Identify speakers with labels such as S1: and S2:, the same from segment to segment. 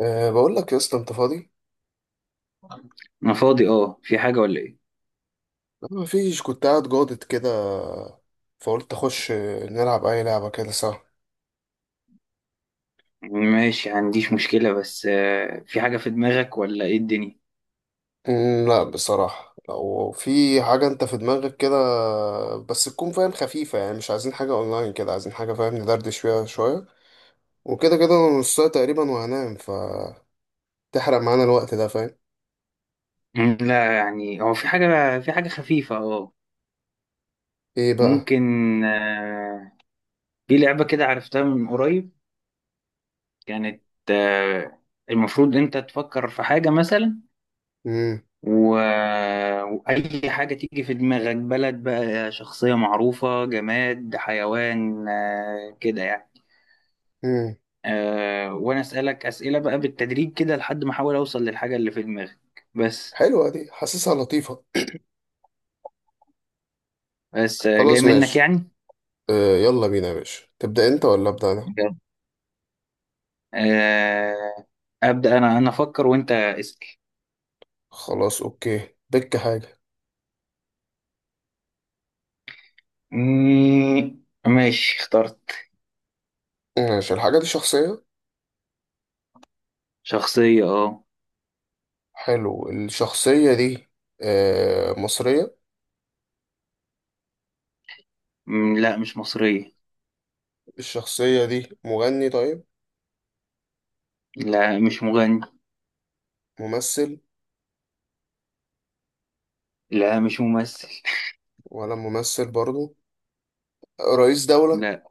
S1: بقول لك يا اسطى انت فاضي؟
S2: انا فاضي. اه، في حاجة ولا ايه؟
S1: ما فيش، كنت قاعد جادت كده، فقلت اخش نلعب اي لعبه كده سوا.
S2: ماشي، عنديش مشكلة بس في حاجة في دماغك ولا ايه الدنيا؟
S1: لا بصراحه، لو في حاجه انت في دماغك كده بس تكون فاهم خفيفه، يعني مش عايزين حاجه اونلاين كده، عايزين حاجه فاهم ندردش فيها شويه، وكده كده انا نص ساعه تقريبا وهنام، ف تحرق معانا الوقت ده فاهم.
S2: لا يعني، هو في حاجة خفيفة اه.
S1: ايه بقى؟
S2: ممكن. آه، في لعبة كده عرفتها من قريب. كانت، آه، المفروض انت تفكر في حاجة مثلا
S1: امم
S2: و... وأي حاجة تيجي في دماغك، بلد بقى، شخصية معروفة، جماد، حيوان، كده يعني.
S1: امم
S2: وانا اسالك اسئله بقى بالتدريج كده لحد ما احاول اوصل للحاجه اللي في دماغك. بس.
S1: حلوه دي، حاسسها لطيفه.
S2: بس جاي
S1: خلاص
S2: منك
S1: ماشي.
S2: يعني.
S1: يلا بينا يا باشا، تبدا انت ولا ابدا انا؟
S2: بجد. آه. ابدا انا افكر وانت اسال.
S1: خلاص اوكي، بك حاجه.
S2: مم، ماشي اخترت.
S1: ماشي، الحاجة دي شخصية.
S2: شخصيه اه.
S1: حلو. الشخصية دي مصرية؟
S2: لا، مش مصريه.
S1: الشخصية دي مغني؟ طيب
S2: لا مش مغني.
S1: ممثل؟
S2: لا مش ممثل.
S1: ولا ممثل برضو. رئيس دولة؟
S2: لا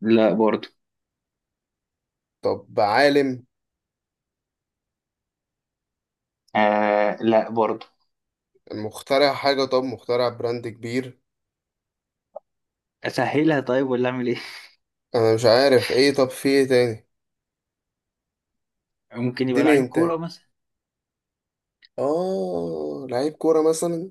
S2: لا برضو.
S1: طب عالم؟
S2: لا برضو.
S1: مخترع حاجة؟ طب مخترع براند كبير؟
S2: اسهلها طيب ولا اعمل ايه؟
S1: أنا مش عارف إيه، طب في إيه تاني؟
S2: ممكن يبقى
S1: اديني
S2: لعيب
S1: انت.
S2: كوره مثلا.
S1: آه، لعيب كورة مثلا.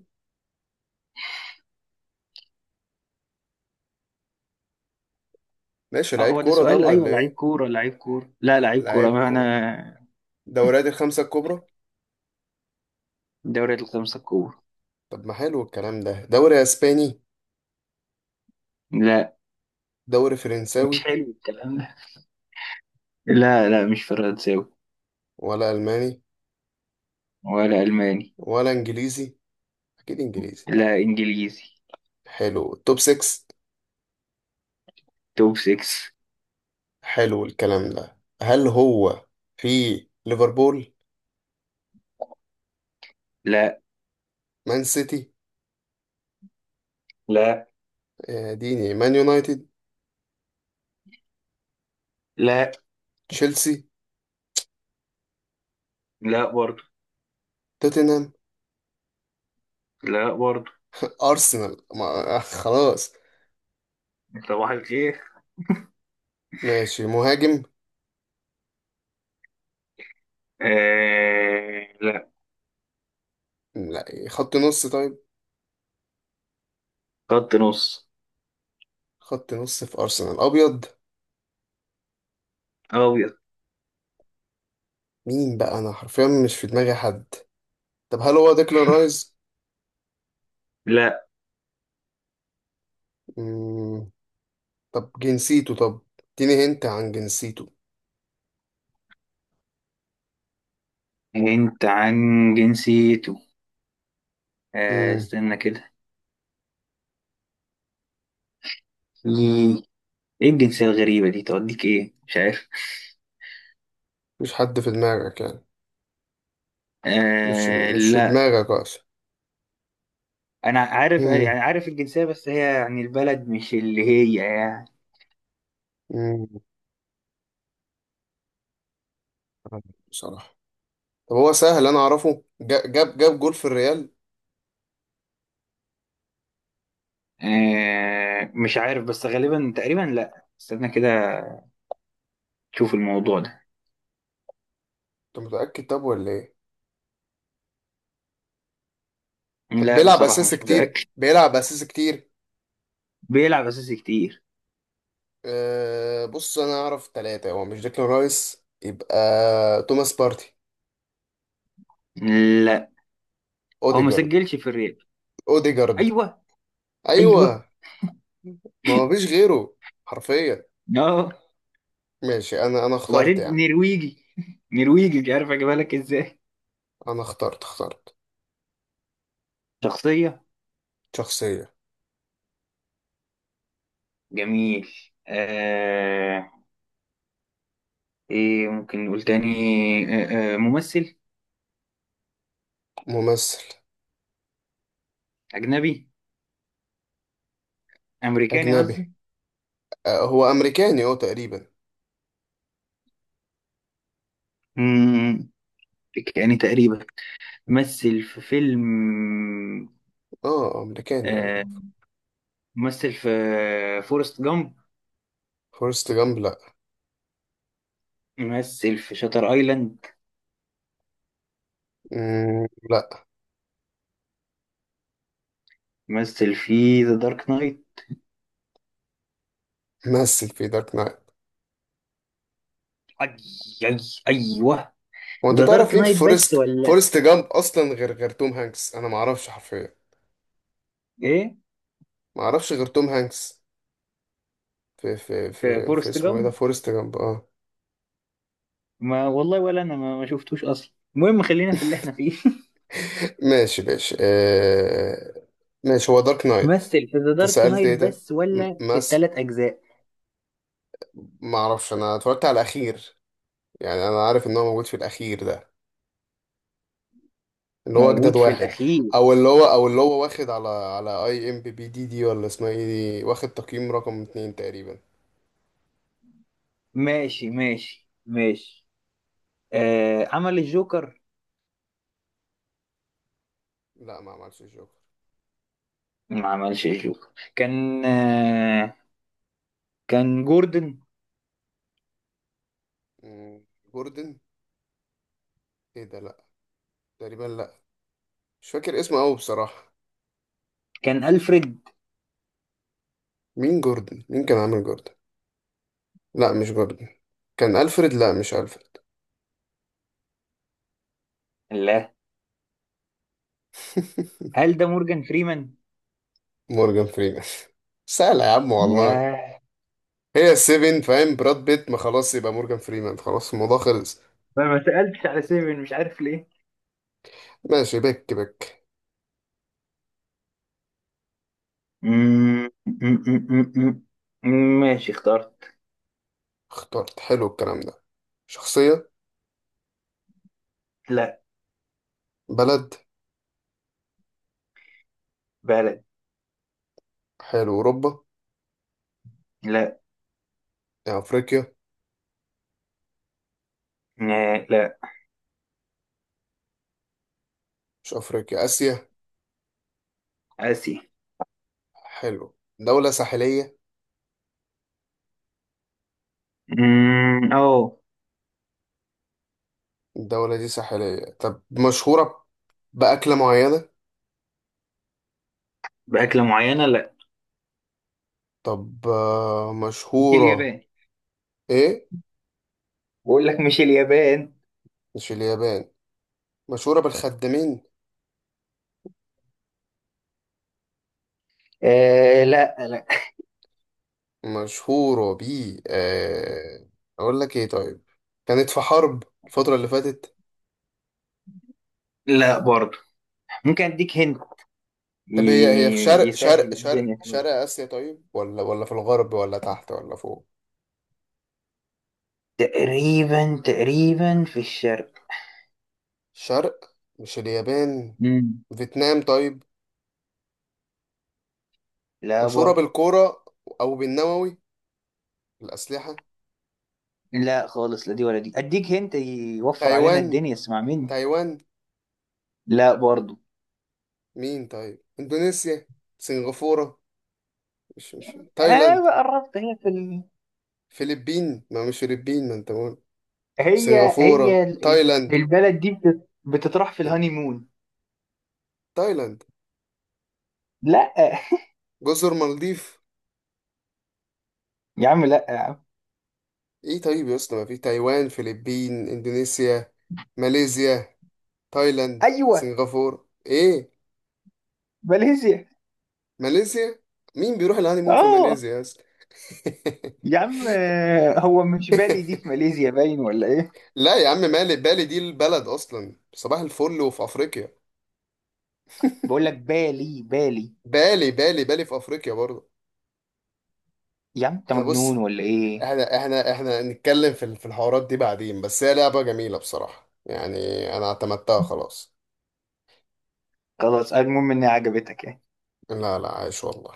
S1: ماشي
S2: اه
S1: لعيب
S2: هو ده
S1: كورة، طب
S2: سؤال، ايوه.
S1: ولا
S2: لعيب
S1: إيه؟
S2: كوره، لعيب كوره، لا لعيب كوره
S1: لعيب
S2: ما
S1: كورة
S2: انا.
S1: دوريات الخمسة الكبرى.
S2: دوري الخمسة الكبرى.
S1: طب ما حلو الكلام ده. دوري أسباني؟
S2: لا،
S1: دوري فرنساوي؟
S2: مش حلو الكلام ده. لا لا، مش فرنساوي.
S1: ولا ألماني؟
S2: ولا ألماني.
S1: ولا انجليزي؟ اكيد انجليزي.
S2: لا إنجليزي.
S1: حلو، توب 6.
S2: توب 6.
S1: حلو الكلام ده. هل هو في ليفربول؟
S2: لا
S1: مان سيتي؟
S2: لا
S1: ديني مان يونايتد؟
S2: لا،
S1: تشيلسي؟
S2: لا برضه.
S1: توتنهام؟
S2: لا برضه.
S1: ارسنال، ما خلاص.
S2: صباح الخير.
S1: ماشي مهاجم؟
S2: لا.
S1: لا خط نص طيب.
S2: خط نص.
S1: خط نص في ارسنال ابيض.
S2: أبيض.
S1: مين بقى؟ انا حرفيا مش في دماغي حد. طب هل هو ديكلان رايز؟
S2: لا.
S1: مم. طب جنسيته؟ طب اديني هنت عن جنسيته.
S2: أنت عن جنسيته.
S1: مم.
S2: استنى كده. إيه. إيه الجنسية الغريبة دي؟ توديك إيه، مش عارف.
S1: مفيش حد في دماغك يعني؟ مش مش في
S2: لا.
S1: دماغك اصلا.
S2: انا عارف
S1: مم.
S2: يعني، عارف الجنسيه، بس هي يعني البلد مش اللي هي يعني.
S1: مم. بصراحة، طب هو سهل، انا اعرفه. جاب، جول في الريال؟
S2: مش عارف بس غالبا تقريبا. لا استنى كده تشوف الموضوع ده.
S1: انت متأكد طب ولا ايه؟ طب
S2: لا
S1: بيلعب
S2: بصراحة
S1: اساسي
S2: مش
S1: كتير؟
S2: متأكد.
S1: بيلعب اساسي كتير.
S2: بيلعب أساسي كتير.
S1: أه بص، انا اعرف ثلاثة. هو مش ديكلان رايس، يبقى توماس بارتي.
S2: لا، هو ما
S1: اوديجارد.
S2: سجلش في الريال.
S1: اوديجارد.
S2: أيوه،
S1: ايوه.
S2: أيوه.
S1: ما هو فيش غيره حرفيا.
S2: اه.
S1: ماشي انا اخترت يا
S2: وبعدين
S1: عم.
S2: نرويجي نرويجي مش عارف أجيبها لك إزاي.
S1: انا اخترت. اخترت
S2: شخصية.
S1: شخصية.
S2: جميل. آه. إيه، ممكن نقول تاني؟ ممثل.
S1: ممثل
S2: أجنبي. أمريكاني
S1: اجنبي.
S2: قصدي.
S1: أه هو امريكاني هو تقريبا.
S2: مم، أمريكاني تقريبا. مثل في فيلم.
S1: اه امريكاني يعني.
S2: آه، مثل في فورست جامب.
S1: فورست جامب لا.
S2: مثل في شاتر ايلاند.
S1: لا.
S2: مثل في ذا دارك نايت.
S1: مثل في دارك نايت.
S2: أي، أي، أيوه.
S1: هو انت
S2: ذا
S1: تعرف
S2: دارك
S1: مين في
S2: نايت بس ولا
S1: فورست جامب اصلا غير توم هانكس؟ انا ما اعرفش حرفيا.
S2: إيه؟
S1: ما اعرفش غير توم هانكس. في في
S2: في
S1: في في
S2: فورست
S1: اسمه ايه ده؟
S2: جامب.
S1: فورست جامب اه.
S2: ما والله، ولا أنا ما شفتوش أصلا. المهم خلينا في اللي إحنا فيه.
S1: ماشي ماشي ماشي. هو دارك نايت.
S2: مثل في ذا
S1: انت
S2: دارك
S1: سألت
S2: نايت
S1: ايه ده؟
S2: بس ولا في
S1: مس.
S2: التلات أجزاء؟
S1: ما اعرفش، انا اتفرجت على الاخير، يعني انا عارف ان هو موجود في الاخير ده، اللي هو اجدد
S2: موجود في
S1: واحد.
S2: الأخير.
S1: او اللي هو، او اللي هو واخد على اي ام بي بي دي دي ولا اسمها ايه. دي واخد تقييم رقم اتنين تقريبا.
S2: ماشي، ماشي، ماشي. عمل الجوكر.
S1: لا ما عملش جوكر.
S2: ما عملش الجوكر. كان آه كان جوردن.
S1: مم، جوردن. ايه ده لا. تقريبا لا. مش فاكر اسمه قوي بصراحة.
S2: كان ألفريد.
S1: مين جوردن؟ مين كان عامل جوردن؟ لا مش جوردن. كان الفريد، لا مش الفريد.
S2: لا. هل ده مورجان فريمان؟
S1: مورجان فريمان. سهلة يا عم والله.
S2: ياه.
S1: هي السيفن فاهم، براد بيت. ما خلاص، يبقى مورجان فريمان، خلاص الموضوع خلص.
S2: ما سألتش على سيفن، مش عارف ليه.
S1: ماشي، بك بك.
S2: مم، مم، مم، مم، ماشي اخترت.
S1: اخترت. حلو الكلام ده. شخصية؟
S2: لا.
S1: بلد؟
S2: بلد.
S1: حلو. أوروبا؟
S2: لا
S1: يعني أفريقيا؟
S2: لا. لا.
S1: مش أفريقيا، آسيا.
S2: آسيا.
S1: حلو. دولة ساحلية؟
S2: أوه.
S1: الدولة دي ساحلية، طب مشهورة بأكلة معينة؟
S2: بأكلة معينة، لا.
S1: طب
S2: مش
S1: مشهورة.
S2: اليابان.
S1: إيه؟
S2: بقول لك مش اليابان.
S1: مش اليابان. مشهورة بالخدامين؟
S2: لا. لا
S1: مشهورة ب آه، أقول لك إيه طيب. كانت في حرب الفترة اللي فاتت؟
S2: لا برضه. ممكن أديك هند،
S1: طب هي في شرق شرق
S2: يسهل
S1: شرق
S2: الدنيا شوية.
S1: شرق آسيا طيب؟ ولا ولا في الغرب ولا تحت ولا فوق؟
S2: تقريبا تقريبا في الشرق.
S1: شرق مش اليابان.
S2: مم.
S1: فيتنام طيب؟
S2: لا
S1: مشهورة
S2: برضه.
S1: بالكورة؟ أو بالنووي، الأسلحة؟
S2: لا خالص، لا دي ولا دي، اديك هنت يوفر علينا
S1: تايوان.
S2: الدنيا، اسمع مني.
S1: تايوان؟
S2: لا برضو.
S1: مين طيب؟ إندونيسيا؟ سنغافورة؟ مش تايلاند؟
S2: اه قربت. هي في ال...
S1: فلبين، ما مش فلبين ما أنت بقول.
S2: هي هي
S1: سنغافورة،
S2: ال-
S1: تايلاند.
S2: البلد دي بتطرح في الهانيمون.
S1: تايلاند؟
S2: لا
S1: جزر مالديف؟
S2: يا عم، لا يا عم.
S1: إيه طيب يا أسطى؟ ما في تايوان، فلبين، إندونيسيا، ماليزيا، تايلاند،
S2: ايوه.
S1: سنغافورة، إيه؟
S2: ماليزيا.
S1: ماليزيا؟ مين بيروح الهانيمون في
S2: اه
S1: ماليزيا يا أسطى؟
S2: يا عم، هو مش بالي دي في ماليزيا باين ولا ايه؟
S1: لا يا عم، مالي بالي دي، البلد اصلا صباح الفل وفي افريقيا.
S2: بقول لك بالي، بالي.
S1: بالي بالي بالي في افريقيا برضه.
S2: يا عم، انت
S1: احنا
S2: مجنون
S1: بص،
S2: ولا ايه؟
S1: احنا نتكلم في في الحوارات دي بعدين، بس هي لعبة جميلة بصراحة يعني. انا اعتمدتها خلاص.
S2: خلاص، المهم انها عجبتك يعني.
S1: لا لا، عايش والله.